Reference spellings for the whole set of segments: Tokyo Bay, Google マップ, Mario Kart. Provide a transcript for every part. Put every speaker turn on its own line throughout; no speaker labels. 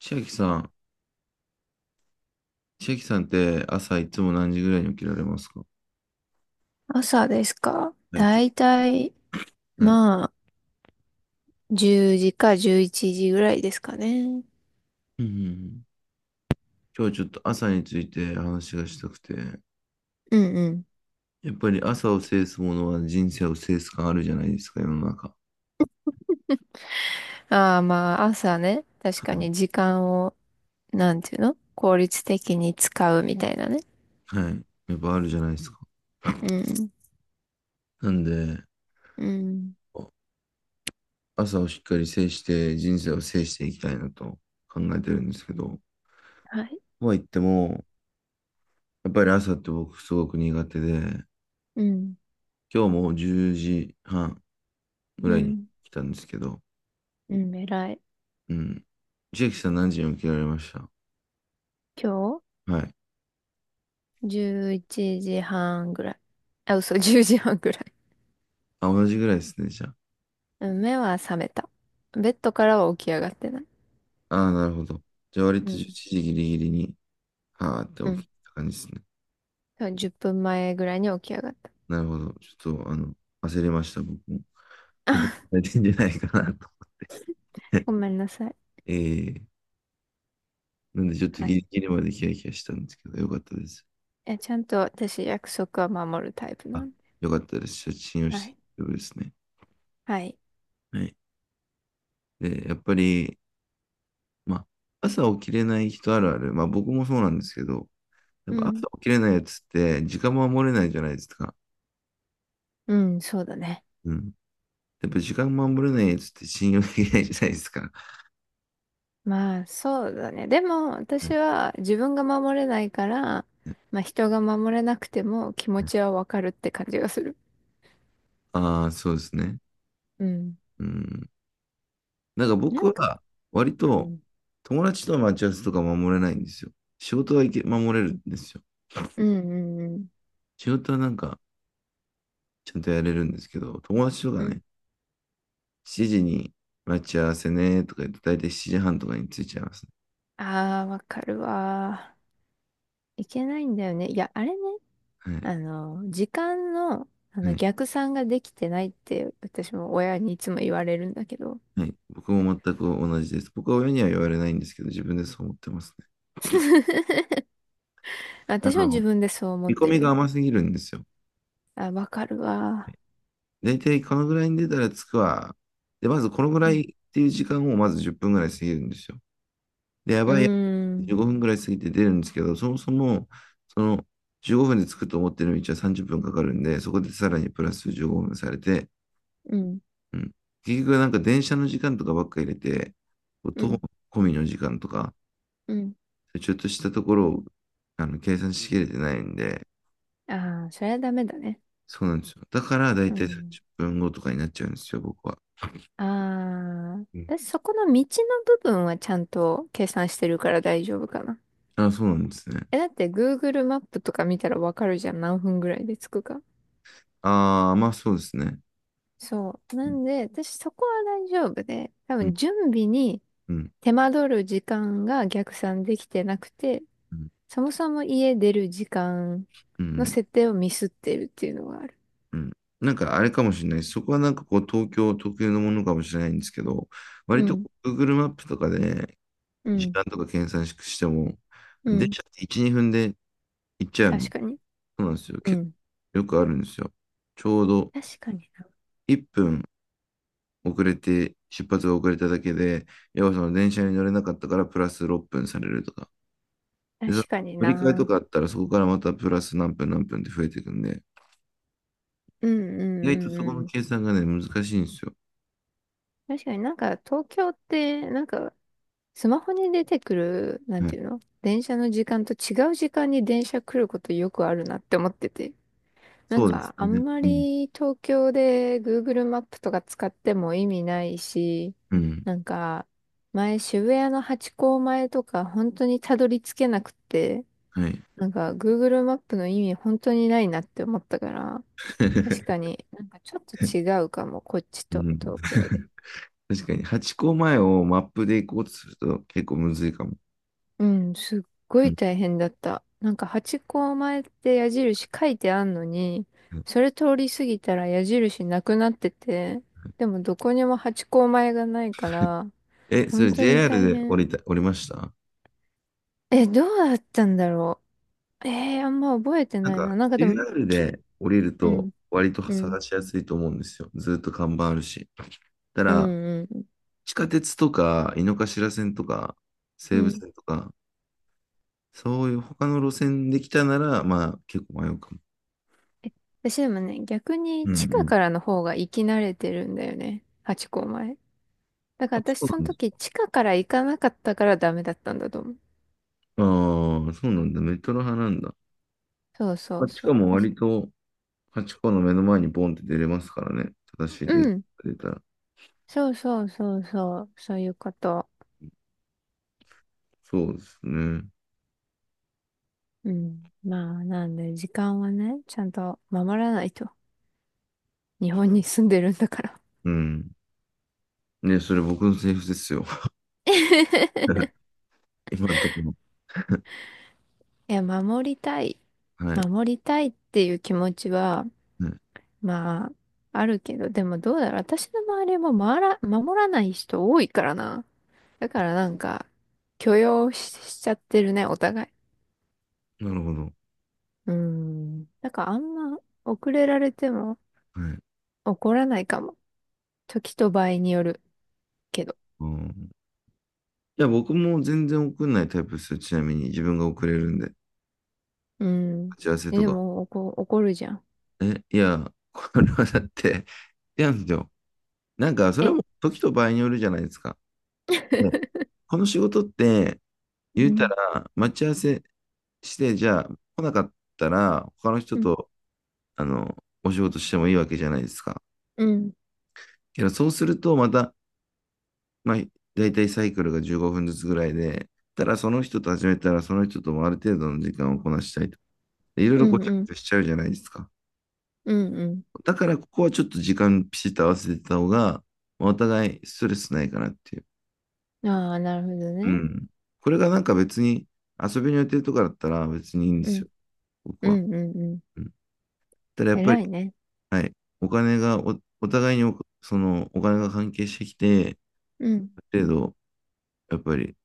千秋さん、千秋さんって朝いつも何時ぐらいに起きられますか？
朝ですか
はい、
だいたい、
はい。
まあ、10時か11時ぐらいですかね。
うんうんうん。今日ちょっと朝について話がしたくて、
うんうん。
やっぱり朝を制すものは人生を制す感あるじゃないですか、世の中。
ああ、まあ、朝ね。確かに時間を、なんていうの効率的に使うみたいなね。
はい。やっぱあるじゃないですか。
うん。
なんで、
うん。
朝をしっかり制して人生を制していきたいなと考えてるんですけど、
はい。
とは言っても、やっぱり朝って僕すごく苦手で、
うん。
今日も10時半ぐ
う
らいに
ん。
来たんですけど、
うん、偉い。
うん、千秋さん何時に起きられました？
今
はい。
日、11時半ぐらい。あ、嘘、10時半ぐらい。
あ、同じぐらいですね、じゃ
うん。目は覚めた。ベッドからは起き上がってない。
あ。ああ、なるほど。じゃあ割
う
と11
ん。
時ギリギリに、はーって
う
起
ん。
きた感じですね。
10分前ぐらいに起き上がった。
なるほど。ちょっと、焦りました、僕も。普段さ れてんじゃないかなと。
ごめんなさい。
ええ、なんでちょっと
は
ギ
い。
リギリまでキラキラしたんですけど、よかったです。
ちゃんと私約束は守るタイプな
あ、
んで。
よかったです。写真を
は
して
い。
大丈夫ですね。
はい。
はい。で、やっぱり、まあ、朝起きれない人あるある。まあ僕もそうなんですけど、やっ
う
ぱ
ん。
朝起きれないやつって時間守れないじゃないですか。
うん、そうだね。
うん。やっぱ時間守れないやつって信用できないじゃないですか。
まあ、そうだね。でも、私 は自分が守れないから、まあ、人が守れなくても気持ちはわかるって感じがする。
ああ、そうですね。
うん。
うん。なんか
な
僕
んか、
は割
う
と
ん。
友達との待ち合わせとか守れないんですよ。仕事は守れるんですよ。
うん、うん、うん。
仕事はなんかちゃんとやれるんですけど、友達とか
うん。
ね、7時に待ち合わせねとか言って、だいたい7時半とかに着いちゃいますね。
ああ、わかるわー。いけないんだよね。いや、あれね。
はい。
時間の、
はい。
逆算ができてないって、私も親にいつも言われるんだけど。
はい。僕も全く同じです。僕は親には言われないんですけど、自分でそう思ってますね。あ
私も自
の、
分でそう思っ
見込
て
み
る
が
よ。
甘すぎるんですよ。
あ、わかるわ。
大体このぐらいに出たら着くわ。で、まずこのぐ
う
らい
ん。
っていう時間をまず10分ぐらい過ぎるんですよ。で、や
うー
ばいやばい、
ん。
15分ぐらい過ぎて出るんですけど、そもそも、その15分で着くと思ってる道は30分かかるんで、そこでさらにプラス15分されて、
うん。
うん。結局なんか電車の時間とかばっか入れて、
う
徒歩
ん。
込みの時間とか、
うん。
ちょっとしたところを計算しきれてないんで、
ああ、それはダメだね。
そうなんですよ。だから大
う
体1 0
ん。
分後とかになっちゃうんですよ、僕は。
ああ、
うん。
私そこの道の部分はちゃんと計算してるから大丈夫かな。
あ、そうなんですね。
だって Google マップとか見たらわかるじゃん。何分ぐらいで着くか。
ああ、まあそうですね。
そう。な
う
んで、私そこは大丈夫で、多
ん、
分準備に
うん、
手間取る時間が逆算できてなくて、
うん、
そもそも家出る時間
う
の
ん、
設定をミスってるっていうのがある。
うん。なんかあれかもしれないです。そこはなんかこう東京特有のものかもしれないんですけど、
う
割とこ
ん、
う Google マップとかで
う
時
ん、
間とか計算しても、
う
電
ん。
車って1、2分で行っちゃうん
確
で、
かに。
そうなんですよ。
う
結
ん。
構よくあるんですよ。ちょうど
確かにな。
1分遅れて、出発が遅れただけで、要はその電車に乗れなかったからプラス6分されるとか。で、その
確かに
乗り換えと
な。
かあったらそこからまたプラス何分何分って増えていくんで、
うん、うん、
意
う
外とそこ
ん、
の
うん。
計算がね、難しいんですよ。
確かになんか東京って、なんかスマホに出てくる、なん
は
て
い。
いうの電車の時間と違う時間に電車来ることよくあるなって思ってて。なん
そうです
か、あ
ね。
んま
うん。
り東京で Google マップとか使っても意味ないし、
うん。
なんか、前渋谷のハチ公前とか本当にたどり着けなくて、
はい。
なんか Google マップの意味本当にないなって思ったから、確か になんかちょっと違うかも、こっち
う
と
ん、
東京で。
確かに、八個前をマップで行こうとすると結構むずいかも。
うん、すっご
う
い
ん。
大変だった。なんかハチ公前って矢印書いてあんのに、それ通り過ぎたら矢印なくなってて、でもどこにもハチ公前がないか ら、
え、そ
本
れ
当に
JR
大
で
変。
降りました？
どうだったんだろう。あんま覚えて
なん
ないな。
か、
なんかでも、
JR で降りる
う
と
ん、
割と
うん、
探しやすいと思うんですよ。ずっと看板あるし。た
う
だ、
ん、うん、
地下鉄とか、井の頭線とか、
う
西武
ん。
線とか、そういう他の路線で来たなら、まあ結構迷うかも。
え私でもね、逆に
うん。う
地下
ん。
からの方が行き慣れてるんだよね。ハチ公前。だか
あ、
ら
そ
私そ
う
の
なんだ。
時地下から行かなかったからダメだったんだと思う。
ああ、そうなんだ。メトロ派なんだ。
そうそ
ま
う
あ、し
そう。
かも
私、
割と、ハチの目の前にボンって出れますからね。正しいデ
う
ー
ん。
タが出たら。
そうそうそうそう。そういうこと。
そうですね。
うん。まあ、なんで、時間はね、ちゃんと守らないと。日本に住んでるんだから。
うん。ね、それ僕のセリフですよ。今のところ。
いや、守りたい。
はい。
守りたいっていう気持ちは、
はい。
まあ、あるけど、でもどうだろう。私の周りも守らない人多いからな。だからなんか、許容し、しちゃってるね、お互い。
なるほど。
うん。だからあんま、遅れられても
はい。
怒らないかも。時と場合によるけど。
うん。いや、僕も全然送んないタイプですよ。ちなみに自分が送れるんで。
うん。
打ち合わせと
で
か。
も、怒るじゃん。
え、いや、これはだって、いやなんですよ。なんか、それは
え
もう時と場合によるじゃないですか。ね、 この仕事って、
う
言うた
ん。
ら、待ち合わせして、じゃあ、来なかったら、他の人
うん。
と、あの、お仕事してもいいわけじゃないですか。
うん。
けど、そうすると、また、まあ、だいたいサイクルが15分ずつぐらいで、ただその人と始めたら、その人ともある程度の時間をこなしたいと。でいろい
う
ろご
ん。
ちゃ
うん。
ごちゃしちゃうじゃないですか。
うん。うん。
だから、ここはちょっと時間ピシッと合わせてた方が、まあお互いストレスないかなっていう。
ああ、なるほど
う
ね。
ん。これがなんか別に、遊びの予定とかだったら別にいいんで
う
す
ん。
よ、僕
う
は。
ん。うん。うん。
うん。ただやっぱり、
偉いね。
はい。お金がお互いにお、その、お金が関係してきて、
うん。
ある程度、やっぱり、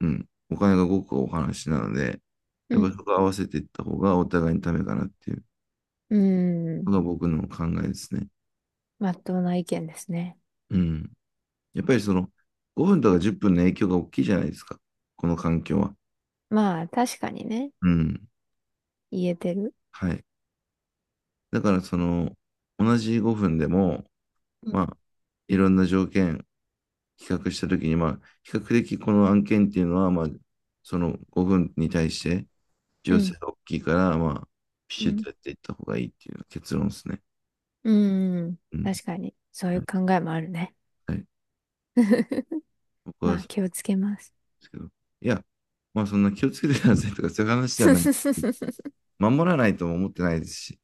うん、お金が動くお話なので、
う
やっぱり
ん。
そこ合わせていった方がお互いにためかなっていう
う
の
ん。
が僕の考えですね。
まっとうな意見ですね。
うん。やっぱり5分とか10分の影響が大きいじゃないですか。この環境は。
まあ、確かにね。
うん。
言えてる。
はい。だから同じ5分でも、
う
ま
ん。
あ、いろんな条件比較したときに、まあ、比較的この案件っていうのは、まあ、その5分に対して、需
うん。
要が大きいから、まあ、ピ
う
シッ
ん。
とやっていった方がいいっていう結論ですね。
うん。うん。
うん。
確かに。そうい
は
う
い。
考えもあるね。
はい、僕
ま
はそ
あ、
う
気をつけます。
ですけど。いや、まあ、そんな気をつけてくださいとか、そういう話じゃない。守らないとも思ってないですし、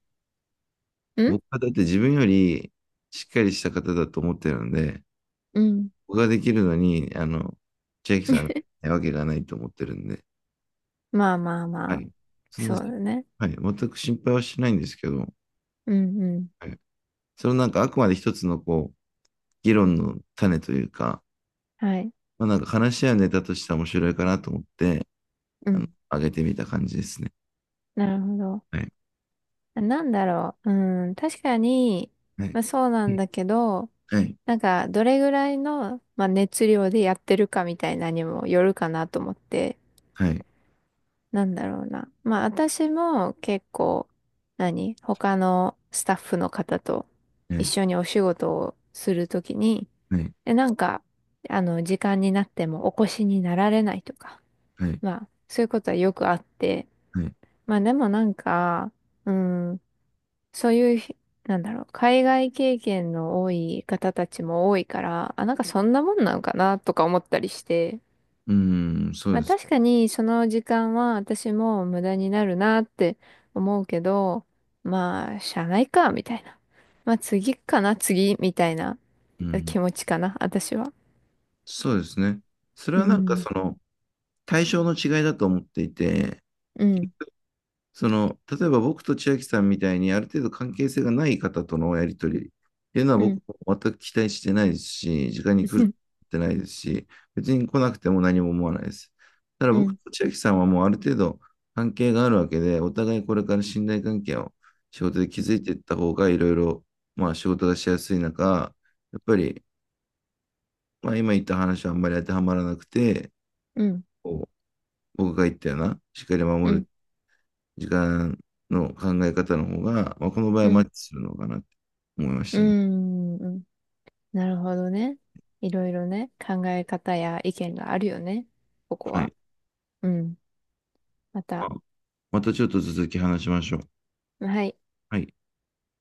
うん
僕はだって自分よりしっかりした方だと思ってるんで、
うん。
僕ができるのに、千秋さんが ないわけがないと思ってるんで、
まあまあ
は
まあ。
い。そんな、
そうだね。
はい。全く心配はしないんですけど、
うんうん。
はい。そのなんかあくまで一つのこう、議論の種というか、
はい。
まあ、なんか話し合うネタとしては面白いかなと思って、
うん。
上げてみた感じですね。
なるほど。
はい。
なんだろう。うん、確かに、
はい。
まあ、そうなんだけど、
はい。
なんか、どれぐらいの、まあ、熱量でやってるかみたいなにもよるかなと思って、
はい。
なんだろうな。まあ、私も結構、何他のスタッフの方と
は
一
い。
緒にお仕事をするときに、
はい。
なんか、時間になってもお越しになられないとか、
はい。
まあ、そういうことはよくあって、
はい。
まあでもなんか、うん、そういうひ、なんだろう、海外経験の多い方たちも多いから、あ、なんかそんなもんなのかなとか思ったりして、
うん、そう
ま
で
あ
す。
確かにその時間は私も無駄になるなって思うけど、まあ、しゃあないか、みたいな。まあ次かな、次、みたいな
うん、
気持ちかな、私は。
そうですね。それ
う
はなんか
ん、
その対象の違いだと思っていて、
うん、
その、例えば僕と千秋さんみたいにある程度関係性がない方とのやり取りっていうのは
う
僕
ん、
も全く期待してないですし、時間に来る ってないですし、別に来なくても何も思わないです。ただ
う
僕
ん、
と千秋さんはもうある程度関係があるわけで、お互いこれから信頼関係を仕事で築いてい った方がいろいろ、まあ仕事がしやすい中、やっぱり、まあ今言った話はあんまり当てはまらなくて、
うん、うん、
こう僕が言ったような、しっかり
う
守
ん、
る時間の考え方の方が、まあ、この場合は
う
マ
ん、
ッチするのかなって思いまし
う
たね。
ん、うん。なるほどね。いろいろね、考え方や意見があるよね。ここ
は
は。
い。
うん。ま
まあ
た。
またちょっと続き話しましょう。
はい。
はい。